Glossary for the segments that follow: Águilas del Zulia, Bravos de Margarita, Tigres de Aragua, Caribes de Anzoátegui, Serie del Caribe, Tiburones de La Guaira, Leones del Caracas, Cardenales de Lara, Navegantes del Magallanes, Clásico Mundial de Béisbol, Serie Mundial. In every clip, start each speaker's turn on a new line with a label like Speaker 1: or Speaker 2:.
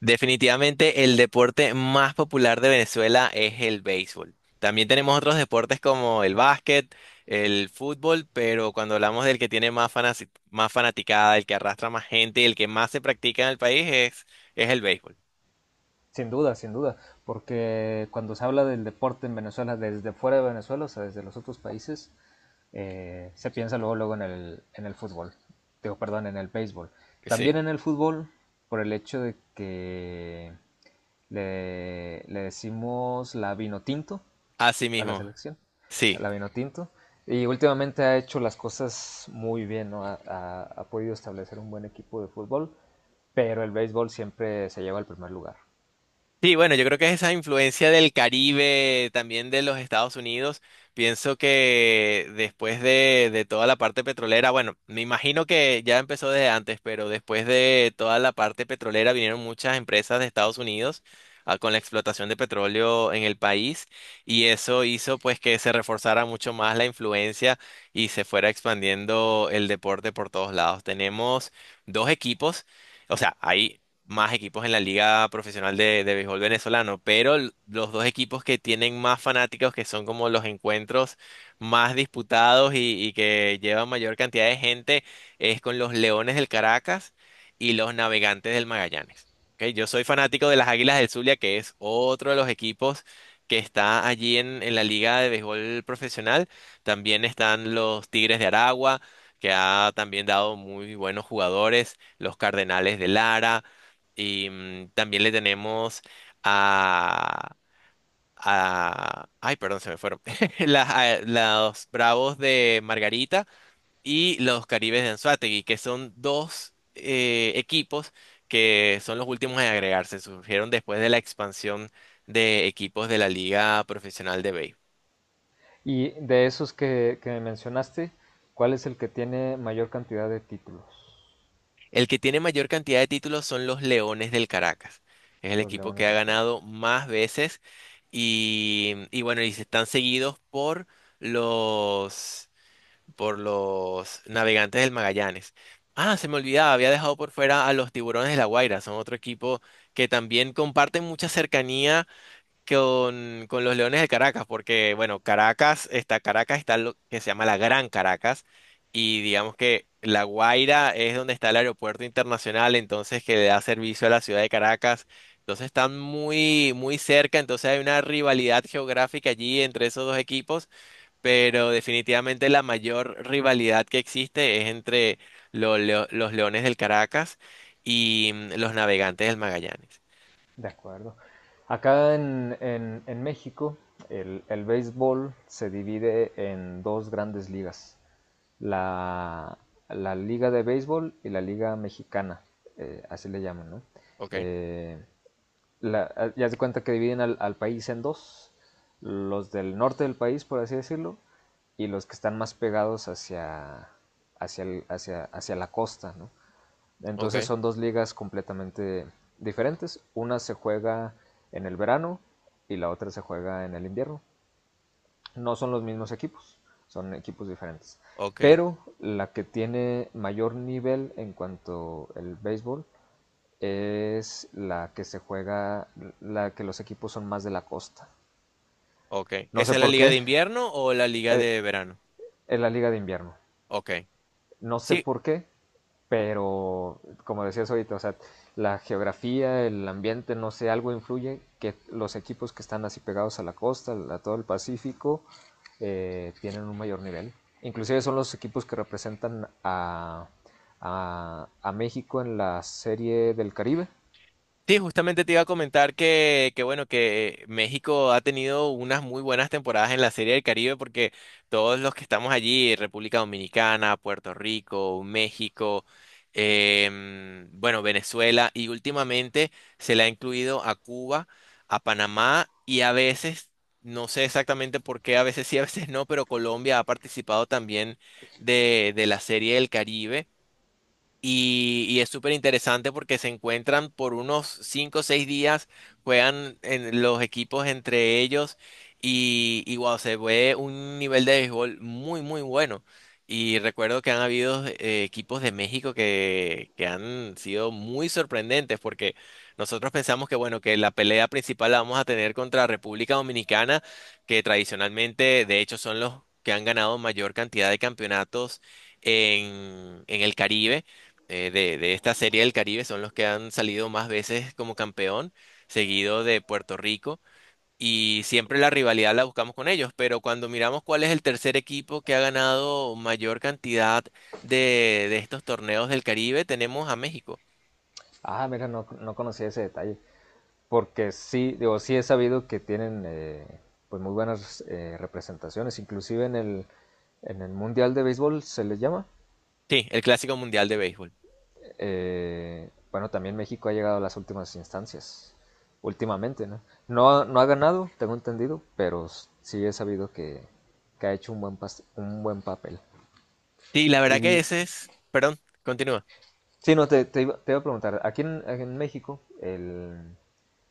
Speaker 1: Definitivamente el deporte más popular de Venezuela es el béisbol. También tenemos otros deportes como el básquet, el fútbol, pero cuando hablamos del que tiene más más fanaticada, el que arrastra más gente, el que más se practica en el país es el béisbol.
Speaker 2: Sin duda, sin duda, porque cuando se habla del deporte en Venezuela desde fuera de Venezuela, o sea, desde los otros países, se piensa luego, luego en el fútbol, digo, perdón, en el béisbol.
Speaker 1: Sí.
Speaker 2: También en el fútbol, por el hecho de que le decimos la vino tinto
Speaker 1: Así
Speaker 2: a la
Speaker 1: mismo.
Speaker 2: selección, a
Speaker 1: Sí.
Speaker 2: la vino tinto, y últimamente ha hecho las cosas muy bien, ¿no? Ha podido establecer un buen equipo de fútbol, pero el béisbol siempre se lleva al primer lugar.
Speaker 1: Sí, bueno, yo creo que es esa influencia del Caribe, también de los Estados Unidos. Pienso que después de toda la parte petrolera, bueno, me imagino que ya empezó desde antes, pero después de toda la parte petrolera vinieron muchas empresas de Estados Unidos ah, con la explotación de petróleo en el país y eso hizo pues que se reforzara mucho más la influencia y se fuera expandiendo el deporte por todos lados. Tenemos dos equipos. O sea, hay más equipos en la liga profesional de béisbol venezolano, pero los dos equipos que tienen más fanáticos, que son como los encuentros más disputados y que llevan mayor cantidad de gente, es con los Leones del Caracas y los Navegantes del Magallanes. ¿Ok? Yo soy fanático de las Águilas del Zulia, que es otro de los equipos que está allí en la liga de béisbol profesional. También están los Tigres de Aragua, que ha también dado muy buenos jugadores, los Cardenales de Lara. Y también le tenemos a, Ay, perdón, se me fueron. Los Bravos de Margarita y los Caribes de Anzoátegui, que son dos equipos que son los últimos en agregarse. Surgieron después de la expansión de equipos de la Liga Profesional de Béisbol.
Speaker 2: Y de esos que mencionaste, ¿cuál es el que tiene mayor cantidad de títulos?
Speaker 1: El que tiene mayor cantidad de títulos son los Leones del Caracas. Es el
Speaker 2: Los
Speaker 1: equipo que
Speaker 2: Leones
Speaker 1: ha
Speaker 2: del Caracas.
Speaker 1: ganado más veces y bueno, y se están seguidos los, por los Navegantes del Magallanes. Ah, se me olvidaba, había dejado por fuera a los Tiburones de La Guaira. Son otro equipo que también comparten mucha cercanía con los Leones de Caracas, porque bueno, Caracas está lo que se llama la Gran Caracas, y digamos que La Guaira es donde está el aeropuerto internacional, entonces que le da servicio a la ciudad de Caracas. Entonces están muy, muy cerca, entonces hay una rivalidad geográfica allí entre esos dos equipos, pero definitivamente la mayor rivalidad que existe es entre los Leones del Caracas y los Navegantes del Magallanes.
Speaker 2: De acuerdo. Acá en México, el béisbol se divide en dos grandes ligas. La, la Liga de Béisbol y la Liga Mexicana, así le llaman, ¿no?
Speaker 1: Ok,
Speaker 2: Eh, ya se cuenta que dividen al país en dos, los del norte del país, por así decirlo, y los que están más pegados hacia la costa, ¿no? Entonces
Speaker 1: ok,
Speaker 2: son dos ligas completamente diferentes. Una se juega en el verano y la otra se juega en el invierno. No son los mismos equipos, son equipos diferentes.
Speaker 1: ok.
Speaker 2: Pero la que tiene mayor nivel en cuanto al béisbol es la que se juega, la que los equipos son más de la costa.
Speaker 1: Ok.
Speaker 2: No
Speaker 1: ¿Esa
Speaker 2: sé
Speaker 1: es la
Speaker 2: por
Speaker 1: liga
Speaker 2: qué,
Speaker 1: de invierno o la liga
Speaker 2: eh,
Speaker 1: de verano?
Speaker 2: en la liga de invierno.
Speaker 1: Ok.
Speaker 2: No sé
Speaker 1: Sí,
Speaker 2: por qué, pero como decías ahorita, o sea, la geografía, el ambiente, no sé, algo influye que los equipos que están así pegados a la costa, a todo el Pacífico, tienen un mayor nivel. Inclusive son los equipos que representan a México en la serie del Caribe.
Speaker 1: sí, justamente te iba a comentar que bueno, que México ha tenido unas muy buenas temporadas en la Serie del Caribe porque todos los que estamos allí, República Dominicana, Puerto Rico, México, bueno, Venezuela y últimamente se le ha incluido a Cuba, a Panamá y a veces, no sé exactamente por qué, a veces sí, a veces no, pero Colombia ha participado también de la Serie del Caribe. Y es súper interesante porque se encuentran por unos cinco o seis días, juegan en los equipos entre ellos y wow, se ve un nivel de béisbol muy, muy bueno. Y recuerdo que han habido equipos de México que han sido muy sorprendentes porque nosotros pensamos que, bueno, que la pelea principal la vamos a tener contra República Dominicana, que tradicionalmente, de hecho, son los que han ganado mayor cantidad de campeonatos en el Caribe de esta serie del Caribe son los que han salido más veces como campeón, seguido de Puerto Rico, y siempre la rivalidad la buscamos con ellos, pero cuando miramos cuál es el tercer equipo que ha ganado mayor cantidad de estos torneos del Caribe, tenemos a México.
Speaker 2: Ah, mira, no, no conocía ese detalle, porque sí, digo, sí he sabido que tienen pues muy buenas representaciones, inclusive en el Mundial de Béisbol se les llama.
Speaker 1: Sí, el Clásico Mundial de Béisbol.
Speaker 2: Bueno, también México ha llegado a las últimas instancias, últimamente, ¿no? No, no ha ganado, tengo entendido, pero sí he sabido que ha hecho un buen, pas un buen papel.
Speaker 1: Sí, la verdad que
Speaker 2: Y,
Speaker 1: ese es... Perdón, continúa.
Speaker 2: sí, no, te iba a preguntar, aquí en México el,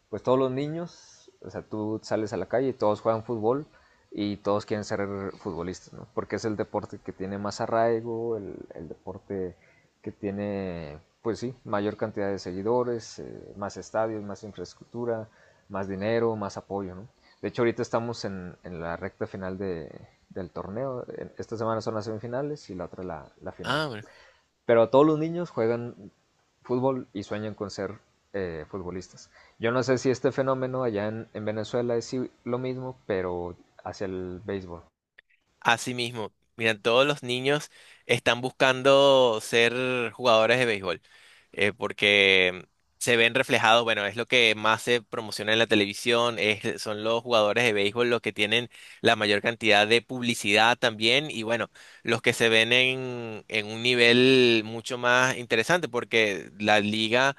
Speaker 2: pues todos los niños, o sea, tú sales a la calle y todos juegan fútbol y todos quieren ser futbolistas, ¿no? Porque es el deporte que tiene más arraigo, el deporte que tiene, pues sí, mayor cantidad de seguidores, más estadios, más infraestructura, más dinero, más apoyo, ¿no? De hecho, ahorita estamos en la recta final de, del torneo. Esta semana son las semifinales y la otra la final.
Speaker 1: Ah, bueno.
Speaker 2: Pero todos los niños juegan fútbol y sueñan con ser futbolistas. Yo no sé si este fenómeno allá en Venezuela es si- lo mismo, pero hacia el béisbol.
Speaker 1: Así mismo, mira, todos los niños están buscando ser jugadores de béisbol, porque se ven reflejados, bueno, es lo que más se promociona en la televisión, son los jugadores de béisbol los que tienen la mayor cantidad de publicidad también, y bueno, los que se ven en un nivel mucho más interesante, porque la liga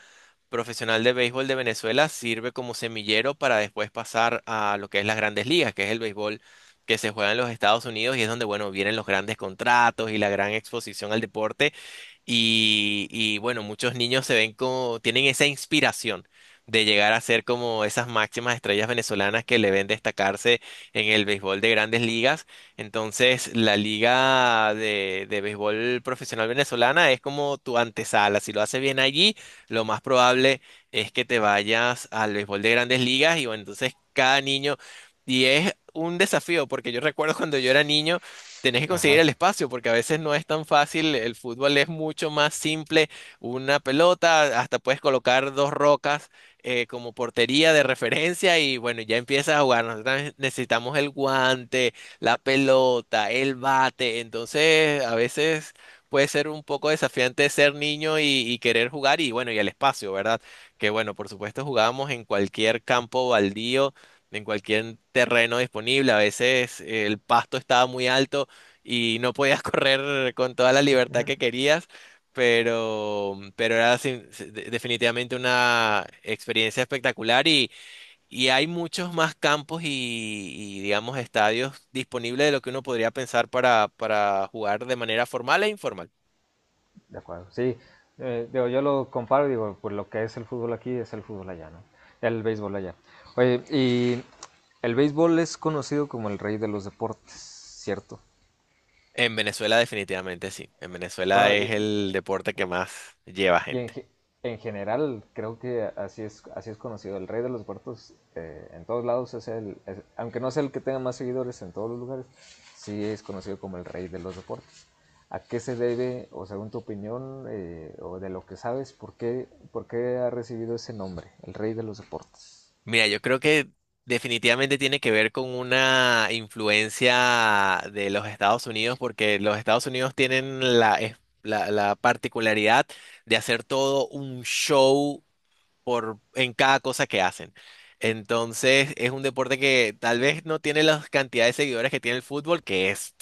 Speaker 1: profesional de béisbol de Venezuela sirve como semillero para después pasar a lo que es las grandes ligas, que es el béisbol que se juega en los Estados Unidos y es donde, bueno, vienen los grandes contratos y la gran exposición al deporte. Y bueno, muchos niños se ven como, tienen esa inspiración de llegar a ser como esas máximas estrellas venezolanas que le ven destacarse en el béisbol de grandes ligas. Entonces, la liga de béisbol profesional venezolana es como tu antesala. Si lo haces bien allí, lo más probable es que te vayas al béisbol de grandes ligas y bueno, entonces cada niño, y es un desafío, porque yo recuerdo cuando yo era niño, tenés que conseguir
Speaker 2: Ajá,
Speaker 1: el espacio porque a veces no es tan fácil, el fútbol es mucho más simple, una pelota, hasta puedes colocar dos rocas como portería de referencia y bueno, ya empiezas a jugar. Nosotros necesitamos el guante, la pelota, el bate, entonces a veces puede ser un poco desafiante ser niño y querer jugar y bueno, y el espacio, ¿verdad? Que bueno, por supuesto jugábamos en cualquier campo baldío. En cualquier terreno disponible, a veces el pasto estaba muy alto y no podías correr con toda la libertad que querías, pero era definitivamente una experiencia espectacular y hay muchos más campos y, digamos, estadios disponibles de lo que uno podría pensar para jugar de manera formal e informal.
Speaker 2: de acuerdo. Sí, digo, yo lo comparo y digo, pues lo que es el fútbol aquí es el fútbol allá, ¿no? El béisbol allá. Oye, y el béisbol es conocido como el rey de los deportes, ¿cierto?
Speaker 1: En Venezuela definitivamente sí. En Venezuela
Speaker 2: Bueno,
Speaker 1: es
Speaker 2: y...
Speaker 1: el deporte que más lleva
Speaker 2: Y en,
Speaker 1: gente.
Speaker 2: ge- en general, creo que así es conocido. El rey de los huertos en todos lados es el, es- aunque no sea el que tenga más seguidores en todos los lugares, sí es conocido como el rey de los deportes. ¿A qué se debe, o según tu opinión, o de lo que sabes, por qué ha recibido ese nombre, el rey de los deportes,
Speaker 1: Mira, yo creo que definitivamente tiene que ver con una influencia de los Estados Unidos, porque los Estados Unidos tienen la particularidad de hacer todo un show por, en cada cosa que hacen. Entonces, es un deporte que tal vez no tiene la cantidad de seguidores que tiene el fútbol, que es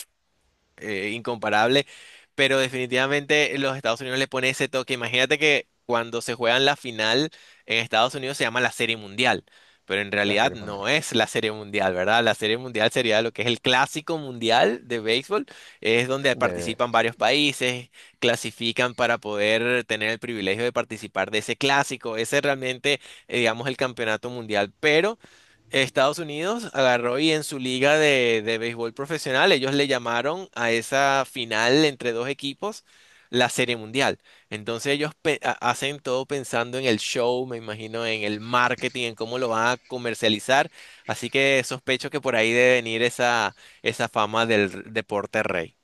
Speaker 1: incomparable, pero definitivamente los Estados Unidos le pone ese toque. Imagínate que cuando se juegan la final en Estados Unidos se llama la Serie Mundial, pero en
Speaker 2: la
Speaker 1: realidad
Speaker 2: serie mundial,
Speaker 1: no es la Serie Mundial, ¿verdad? La Serie Mundial sería lo que es el Clásico Mundial de béisbol, es donde
Speaker 2: de,
Speaker 1: participan varios países, clasifican para poder tener el privilegio de participar de ese clásico. Ese realmente, digamos, el campeonato mundial, pero Estados Unidos agarró y en su liga de béisbol profesional, ellos le llamaron a esa final entre dos equipos la Serie Mundial. Entonces ellos hacen todo pensando en el show, me imagino, en el marketing, en cómo lo van a comercializar. Así que sospecho que por ahí debe venir esa fama del deporte rey.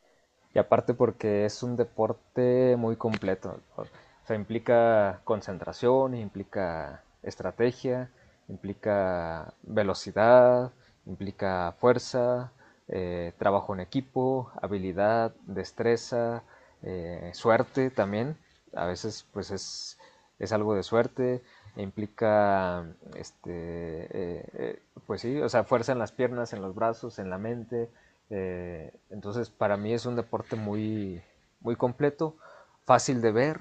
Speaker 2: y aparte porque es un deporte muy completo? O sea, implica concentración, implica estrategia, implica velocidad, implica fuerza, trabajo en equipo, habilidad, destreza, suerte también. A veces pues es algo de suerte. Implica, este, pues sí, o sea, fuerza en las piernas, en los brazos, en la mente, entonces, para mí es un deporte muy, muy completo, fácil de ver,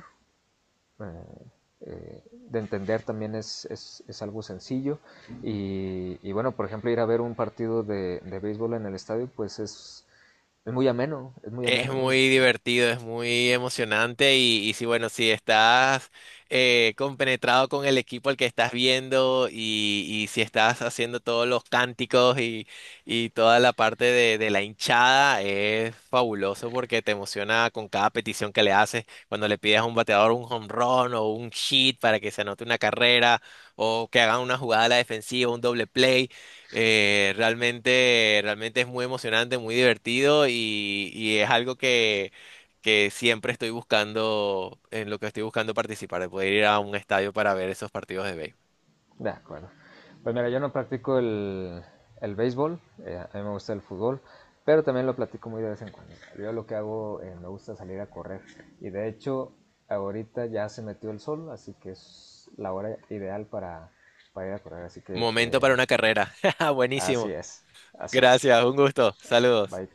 Speaker 2: eh, eh, de entender también es algo sencillo. Y, bueno, por ejemplo, ir a ver un partido de béisbol en el estadio, pues es muy ameno, es muy
Speaker 1: Es
Speaker 2: ameno,
Speaker 1: muy
Speaker 2: ¿no?
Speaker 1: divertido, es muy emocionante y sí, bueno, si estás compenetrado con el equipo al que estás viendo y si estás haciendo todos los cánticos y toda la parte de la hinchada, es fabuloso porque te emociona con cada petición que le haces, cuando le pides a un bateador un home run o un hit para que se anote una carrera o que hagan una jugada a la defensiva, un doble play. Realmente, realmente es muy emocionante, muy divertido y es algo que siempre estoy buscando, en lo que estoy buscando participar, de poder ir a un estadio para ver esos partidos de béisbol.
Speaker 2: De acuerdo. Pues mira, yo no practico el béisbol, a mí me gusta el fútbol, pero también lo platico muy de vez en cuando. Yo lo que hago, me gusta salir a correr. Y de hecho, ahorita ya se metió el sol, así que es la hora ideal para ir a correr. Así que
Speaker 1: Momento para una carrera.
Speaker 2: así
Speaker 1: Buenísimo.
Speaker 2: es, así es.
Speaker 1: Gracias, un gusto. Saludos.
Speaker 2: Bye.